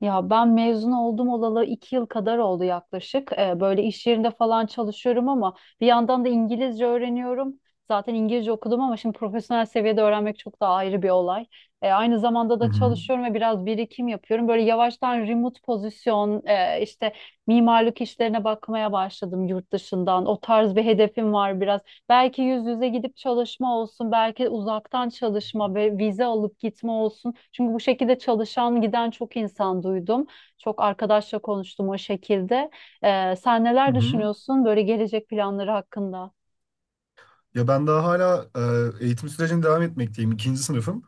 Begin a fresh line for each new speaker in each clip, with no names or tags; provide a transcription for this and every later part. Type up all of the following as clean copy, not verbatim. Ya ben mezun oldum olalı iki yıl kadar oldu yaklaşık. Böyle iş yerinde falan çalışıyorum ama bir yandan da İngilizce öğreniyorum. Zaten İngilizce okudum ama şimdi profesyonel seviyede öğrenmek çok daha ayrı bir olay. Aynı zamanda
Hı
da
hı.
çalışıyorum ve biraz birikim yapıyorum. Böyle yavaştan remote pozisyon, işte mimarlık işlerine bakmaya başladım yurt dışından. O tarz bir hedefim var biraz. Belki yüz yüze gidip çalışma olsun, belki uzaktan çalışma ve vize alıp gitme olsun. Çünkü bu şekilde çalışan giden çok insan duydum. Çok arkadaşla konuştum o şekilde. Sen
Hı
neler
hı.
düşünüyorsun böyle gelecek planları hakkında?
Ya ben daha hala eğitim sürecine devam etmekteyim. İkinci sınıfım.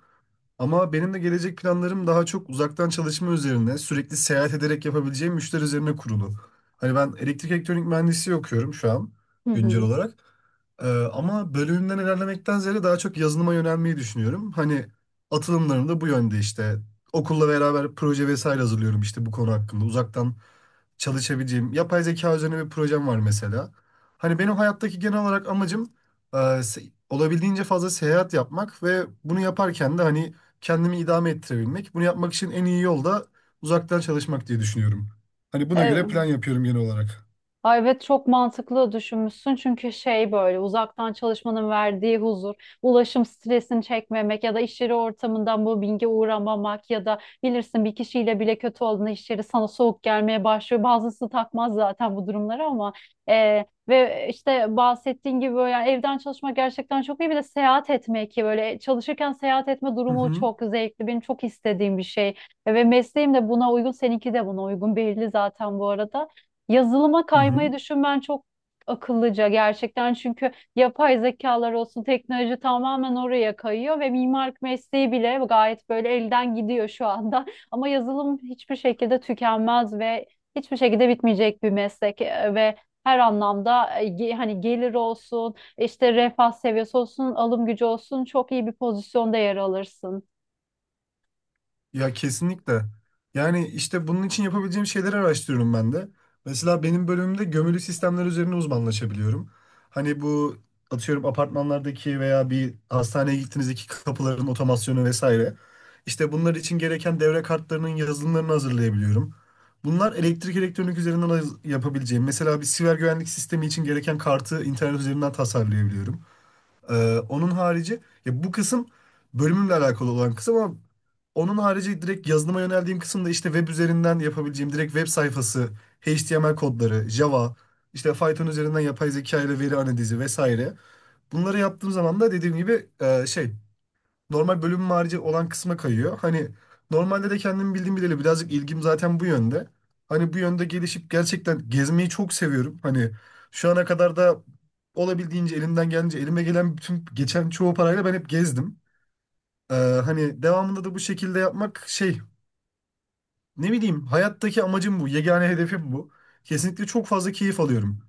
Ama benim de gelecek planlarım daha çok uzaktan çalışma üzerine, sürekli seyahat ederek yapabileceğim müşteri üzerine kurulu. Hani ben elektrik elektronik mühendisliği okuyorum şu an
Hı
güncel
hı.
olarak. Ee, Ama bölümümden ilerlemekten ziyade daha çok yazılıma yönelmeyi düşünüyorum. Hani atılımlarım da bu yönde işte. Okulla beraber proje vesaire hazırlıyorum işte bu konu hakkında. Uzaktan çalışabileceğim yapay zeka üzerine bir projem var mesela. Hani benim hayattaki genel olarak amacım olabildiğince fazla seyahat yapmak ve bunu yaparken de hani kendimi idame ettirebilmek. Bunu yapmak için en iyi yol da uzaktan çalışmak diye düşünüyorum. Hani buna göre plan
Evet.
yapıyorum genel olarak.
Ay evet, çok mantıklı düşünmüşsün, çünkü şey, böyle uzaktan çalışmanın verdiği huzur, ulaşım stresini çekmemek ya da iş yeri ortamından bu binge uğramamak ya da bilirsin, bir kişiyle bile kötü olduğunda iş yeri sana soğuk gelmeye başlıyor. Bazısı takmaz zaten bu durumları, ama ve işte bahsettiğin gibi böyle, yani evden çalışmak gerçekten çok iyi, bir de seyahat etmek, ki böyle çalışırken seyahat etme
Hı
durumu
hı.
çok zevkli, benim çok istediğim bir şey. Ve mesleğim de buna uygun, seninki de buna uygun, belli zaten bu arada. Yazılıma
Hı
kaymayı
hı.
düşünmen çok akıllıca gerçekten, çünkü yapay zekalar olsun, teknoloji tamamen oraya kayıyor ve mimarlık mesleği bile gayet böyle elden gidiyor şu anda. Ama yazılım hiçbir şekilde tükenmez ve hiçbir şekilde bitmeyecek bir meslek, ve her anlamda hani gelir olsun, işte refah seviyesi olsun, alım gücü olsun, çok iyi bir pozisyonda yer alırsın.
Ya kesinlikle. Yani işte bunun için yapabileceğim şeyleri araştırıyorum ben de. Mesela benim bölümümde gömülü sistemler üzerine uzmanlaşabiliyorum. Hani bu atıyorum apartmanlardaki veya bir hastaneye gittiğinizdeki kapıların otomasyonu vesaire. İşte bunlar için gereken devre kartlarının yazılımlarını hazırlayabiliyorum. Bunlar elektrik elektronik üzerinden yapabileceğim. Mesela bir siber güvenlik sistemi için gereken kartı internet üzerinden tasarlayabiliyorum. Onun harici ya bu kısım bölümümle alakalı olan kısım ama onun harici direkt yazılıma yöneldiğim kısımda işte web üzerinden yapabileceğim direkt web sayfası, HTML kodları, Java, işte Python üzerinden yapay zeka ile veri analizi vesaire. Bunları yaptığım zaman da dediğim gibi normal bölümüm harici olan kısma kayıyor. Hani normalde de kendim bildiğim bileli birazcık ilgim zaten bu yönde. Hani bu yönde gelişip gerçekten gezmeyi çok seviyorum. Hani şu ana kadar da olabildiğince elimden gelince elime gelen bütün geçen çoğu parayla ben hep gezdim. Ee, Hani devamında da bu şekilde yapmak ne bileyim hayattaki amacım bu. Yegane hedefim bu. Kesinlikle çok fazla keyif alıyorum.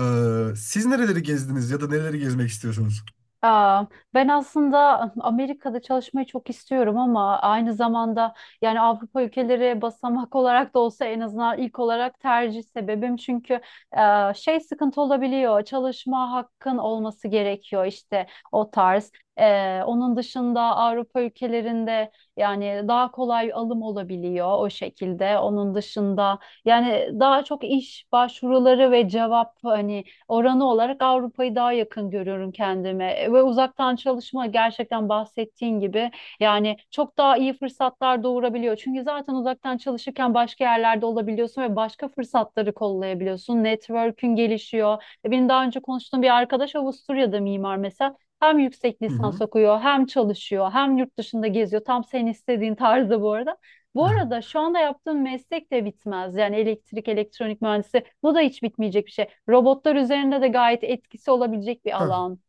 Siz nereleri gezdiniz ya da nereleri gezmek istiyorsunuz?
Aa, ben aslında Amerika'da çalışmayı çok istiyorum, ama aynı zamanda yani Avrupa ülkeleri basamak olarak da olsa en azından ilk olarak tercih sebebim, çünkü şey, sıkıntı olabiliyor, çalışma hakkın olması gerekiyor, işte o tarz. Onun dışında Avrupa ülkelerinde yani daha kolay alım olabiliyor o şekilde. Onun dışında yani daha çok iş başvuruları ve cevap, hani oranı olarak Avrupa'yı daha yakın görüyorum kendime. Ve uzaktan çalışma gerçekten bahsettiğin gibi yani çok daha iyi fırsatlar doğurabiliyor. Çünkü zaten uzaktan çalışırken başka yerlerde olabiliyorsun ve başka fırsatları kollayabiliyorsun. Network'ün gelişiyor. Benim daha önce konuştuğum bir arkadaş Avusturya'da mimar mesela. Hem yüksek
Hı
lisans
hı.
okuyor, hem çalışıyor, hem yurt dışında geziyor. Tam senin istediğin tarzda bu arada. Bu arada şu anda yaptığım meslek de bitmez. Yani elektrik, elektronik mühendisi, bu da hiç bitmeyecek bir şey. Robotlar üzerinde de gayet etkisi olabilecek bir alan.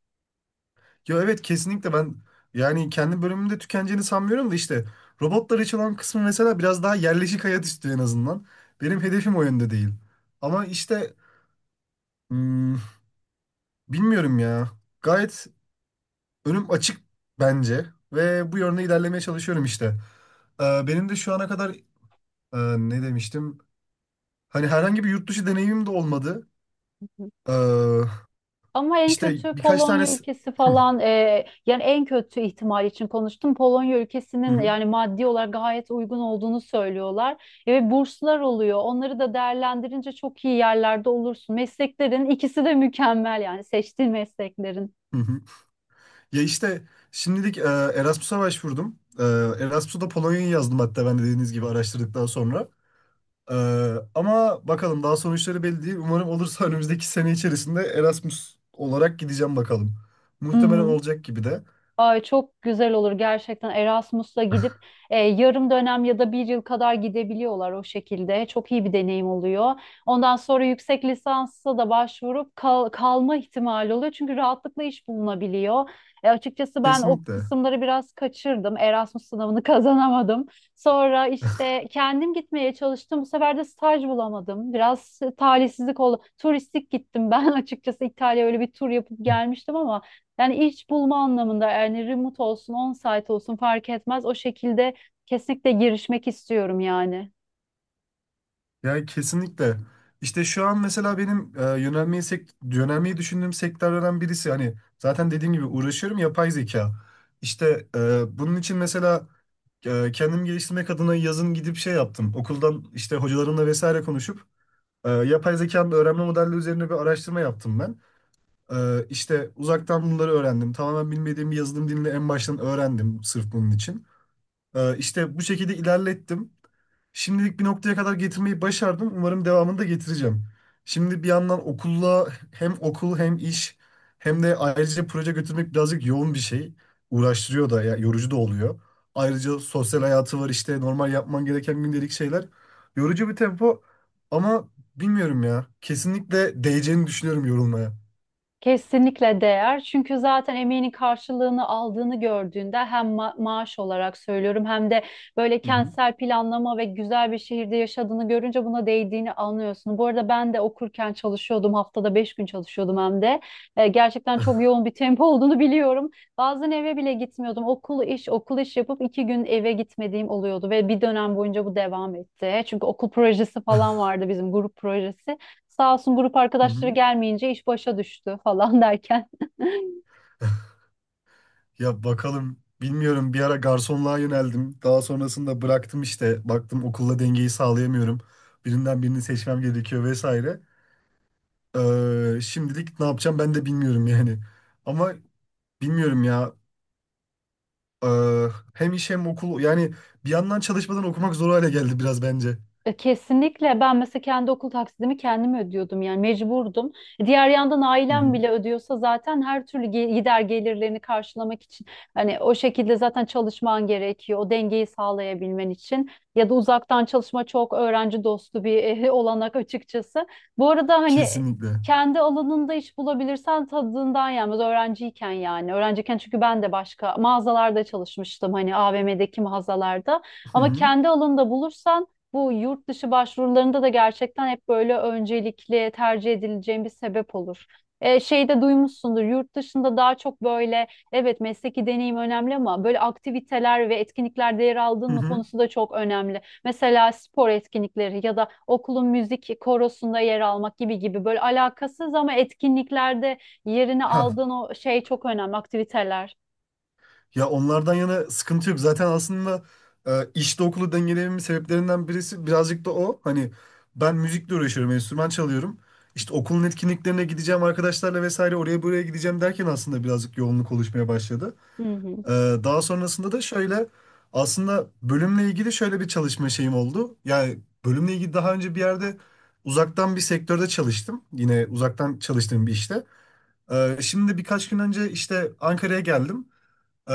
Ya evet kesinlikle ben yani kendi bölümümde tükeneceğini sanmıyorum da işte robotları çalan kısmı mesela biraz daha yerleşik hayat istiyor en azından. Benim hedefim o yönde değil. Ama işte hmm, bilmiyorum ya. Gayet önüm açık bence ve bu yönde ilerlemeye çalışıyorum işte. Benim de şu ana kadar ne demiştim? Hani herhangi bir yurt dışı deneyimim de olmadı.
Hı.
Ee,
Ama en
işte
kötü
birkaç tane...
Polonya ülkesi falan, yani en kötü ihtimal için konuştum. Polonya ülkesinin yani maddi olarak gayet uygun olduğunu söylüyorlar. Ve burslar oluyor. Onları da değerlendirince çok iyi yerlerde olursun. Mesleklerin ikisi de mükemmel, yani seçtiğin mesleklerin.
Ya işte şimdilik Erasmus'a başvurdum. Erasmus'a da Polonya'yı yazdım hatta ben de dediğiniz gibi araştırdıktan sonra. E, Ama bakalım daha sonuçları belli değil. Umarım olursa önümüzdeki sene içerisinde Erasmus olarak gideceğim bakalım.
Hı
Muhtemelen
hı.
olacak gibi de.
Ay çok güzel olur gerçekten, Erasmus'la gidip yarım dönem ya da bir yıl kadar gidebiliyorlar o şekilde. Çok iyi bir deneyim oluyor. Ondan sonra yüksek lisansa da başvurup kalma ihtimali oluyor. Çünkü rahatlıkla iş bulunabiliyor. Açıkçası ben o
Kesinlikle.
kısımları biraz kaçırdım. Erasmus sınavını kazanamadım. Sonra işte kendim gitmeye çalıştım. Bu sefer de staj bulamadım. Biraz talihsizlik oldu. Turistik gittim ben açıkçası, İtalya'ya öyle bir tur yapıp gelmiştim, ama yani iş bulma anlamında, yani remote olsun, on-site olsun fark etmez. O şekilde kesinlikle girişmek istiyorum yani.
Yani kesinlikle. İşte şu an mesela benim yönelmeyi düşündüğüm sektörlerden birisi. Hani zaten dediğim gibi uğraşıyorum yapay zeka. İşte bunun için mesela kendimi geliştirmek adına yazın gidip şey yaptım. Okuldan işte hocalarımla vesaire konuşup yapay zekanın öğrenme modelleri üzerine bir araştırma yaptım ben. İşte uzaktan bunları öğrendim. Tamamen bilmediğim bir yazılım dilini en baştan öğrendim sırf bunun için. İşte bu şekilde ilerlettim. Şimdilik bir noktaya kadar getirmeyi başardım. Umarım devamını da getireceğim. Şimdi bir yandan okulla hem okul hem iş hem de ayrıca proje götürmek birazcık yoğun bir şey. Uğraştırıyor da ya yorucu da oluyor. Ayrıca sosyal hayatı var işte normal yapman gereken gündelik şeyler. Yorucu bir tempo ama bilmiyorum ya. Kesinlikle değeceğini düşünüyorum yorulmaya.
Kesinlikle değer. Çünkü zaten emeğinin karşılığını aldığını gördüğünde, hem maaş olarak söylüyorum, hem de böyle
Hı hı.
kentsel planlama ve güzel bir şehirde yaşadığını görünce buna değdiğini anlıyorsun. Bu arada ben de okurken çalışıyordum. Haftada beş gün çalışıyordum hem de. Gerçekten çok yoğun bir tempo olduğunu biliyorum. Bazen eve bile gitmiyordum. Okul iş, okul iş yapıp iki gün eve gitmediğim oluyordu ve bir dönem boyunca bu devam etti. Çünkü okul projesi falan vardı, bizim grup projesi. Sağ olsun grup
Hı
arkadaşları
hı.
gelmeyince iş başa düştü falan derken.
Ya bakalım bilmiyorum bir ara garsonluğa yöneldim. Daha sonrasında bıraktım işte. Baktım okulla dengeyi sağlayamıyorum. Birinden birini seçmem gerekiyor vesaire. Şimdilik ne yapacağım ben de bilmiyorum yani. Ama bilmiyorum ya. Ee, Hem iş hem okul yani bir yandan çalışmadan okumak zor hale geldi biraz bence.
Kesinlikle, ben mesela kendi okul taksidimi kendim ödüyordum, yani mecburdum. Diğer yandan
Hı
ailem
hı.
bile ödüyorsa zaten her türlü gider gelirlerini karşılamak için hani o şekilde zaten çalışman gerekiyor o dengeyi sağlayabilmen için. Ya da uzaktan çalışma çok öğrenci dostu bir olanak açıkçası. Bu arada hani
Kesinlikle.
kendi alanında iş bulabilirsen tadından yenmez öğrenciyken, yani öğrenciyken, çünkü ben de başka mağazalarda çalışmıştım, hani AVM'deki mağazalarda,
Hı
ama
hı.
kendi alanında bulursan bu yurt dışı başvurularında da gerçekten hep böyle öncelikli tercih edileceğim bir sebep olur. Şey de duymuşsundur, yurt dışında daha çok böyle, evet, mesleki deneyim önemli, ama böyle aktiviteler ve etkinliklerde yer aldın
Hı
mı
hı.
konusu da çok önemli. Mesela spor etkinlikleri ya da okulun müzik korosunda yer almak gibi gibi, böyle alakasız ama etkinliklerde yerini
Hah,
aldığın o şey, çok önemli aktiviteler.
ya onlardan yana sıkıntı yok. Zaten aslında işte okulu dengelememin sebeplerinden birisi birazcık da o. Hani ben müzikle uğraşıyorum, enstrüman çalıyorum. İşte okulun etkinliklerine gideceğim arkadaşlarla vesaire oraya buraya gideceğim derken aslında birazcık yoğunluk oluşmaya başladı.
Hı hı.
E, Daha sonrasında da şöyle aslında bölümle ilgili şöyle bir çalışma şeyim oldu. Yani bölümle ilgili daha önce bir yerde uzaktan bir sektörde çalıştım. Yine uzaktan çalıştığım bir işte. Şimdi birkaç gün önce işte Ankara'ya geldim. Ee,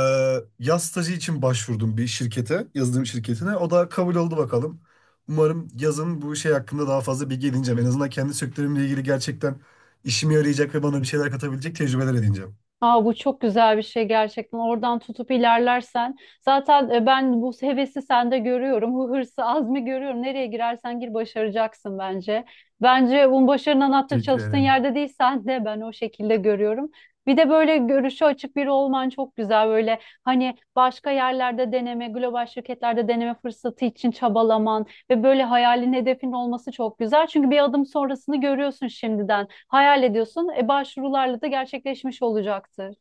Yaz stajı için başvurdum bir şirkete, yazılım şirketine. O da kabul oldu bakalım. Umarım yazın bu şey hakkında daha fazla bilgi edineceğim. En azından kendi sektörümle ilgili gerçekten işime yarayacak ve bana bir şeyler katabilecek tecrübeler edineceğim.
Aa, bu çok güzel bir şey gerçekten. Oradan tutup ilerlersen. Zaten ben bu hevesi sende görüyorum. Bu hırsı, azmi görüyorum. Nereye girersen gir başaracaksın bence. Bence bunun, başarının anahtarı
Teşekkür
çalıştığın
ederim.
yerde değil, sen de ben o şekilde görüyorum. Bir de böyle görüşü açık biri olman çok güzel. Böyle hani başka yerlerde deneme, global şirketlerde deneme fırsatı için çabalaman. Ve böyle hayalin, hedefin olması çok güzel. Çünkü bir adım sonrasını görüyorsun şimdiden. Hayal ediyorsun. Başvurularla da gerçekleşmiş olacaktır.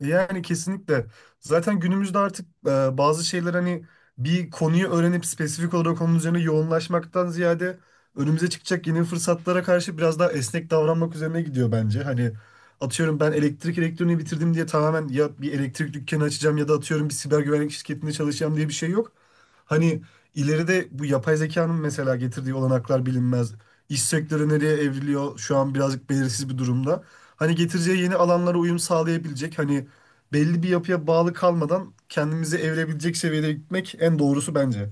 Yani kesinlikle. Zaten günümüzde artık bazı şeyler hani bir konuyu öğrenip spesifik olarak onun üzerine yoğunlaşmaktan ziyade önümüze çıkacak yeni fırsatlara karşı biraz daha esnek davranmak üzerine gidiyor bence. Hani atıyorum ben elektrik elektroniği bitirdim diye tamamen ya bir elektrik dükkanı açacağım ya da atıyorum bir siber güvenlik şirketinde çalışacağım diye bir şey yok. Hani ileride bu yapay zekanın mesela getirdiği olanaklar bilinmez. İş sektörü nereye evriliyor şu an birazcık belirsiz bir durumda. Hani getireceği yeni alanlara uyum sağlayabilecek hani belli bir yapıya bağlı kalmadan kendimizi evirebilecek seviyede gitmek en doğrusu bence.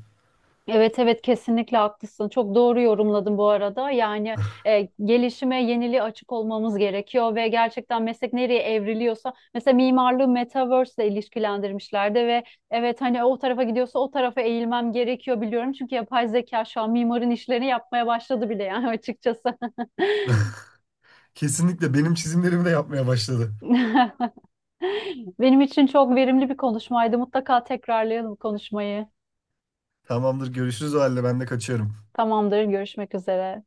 Evet, evet, kesinlikle haklısın. Çok doğru yorumladın bu arada. Yani gelişime, yeniliğe açık olmamız gerekiyor ve gerçekten meslek nereye evriliyorsa, mesela mimarlığı metaverse ile ilişkilendirmişlerdi ve evet, hani o tarafa gidiyorsa o tarafa eğilmem gerekiyor, biliyorum. Çünkü yapay zeka şu an mimarın işlerini yapmaya başladı bile, yani açıkçası.
Kesinlikle benim çizimlerimi de yapmaya başladı.
Benim için çok verimli bir konuşmaydı. Mutlaka tekrarlayalım konuşmayı.
Tamamdır görüşürüz o halde ben de kaçıyorum.
Tamamdır, görüşmek üzere.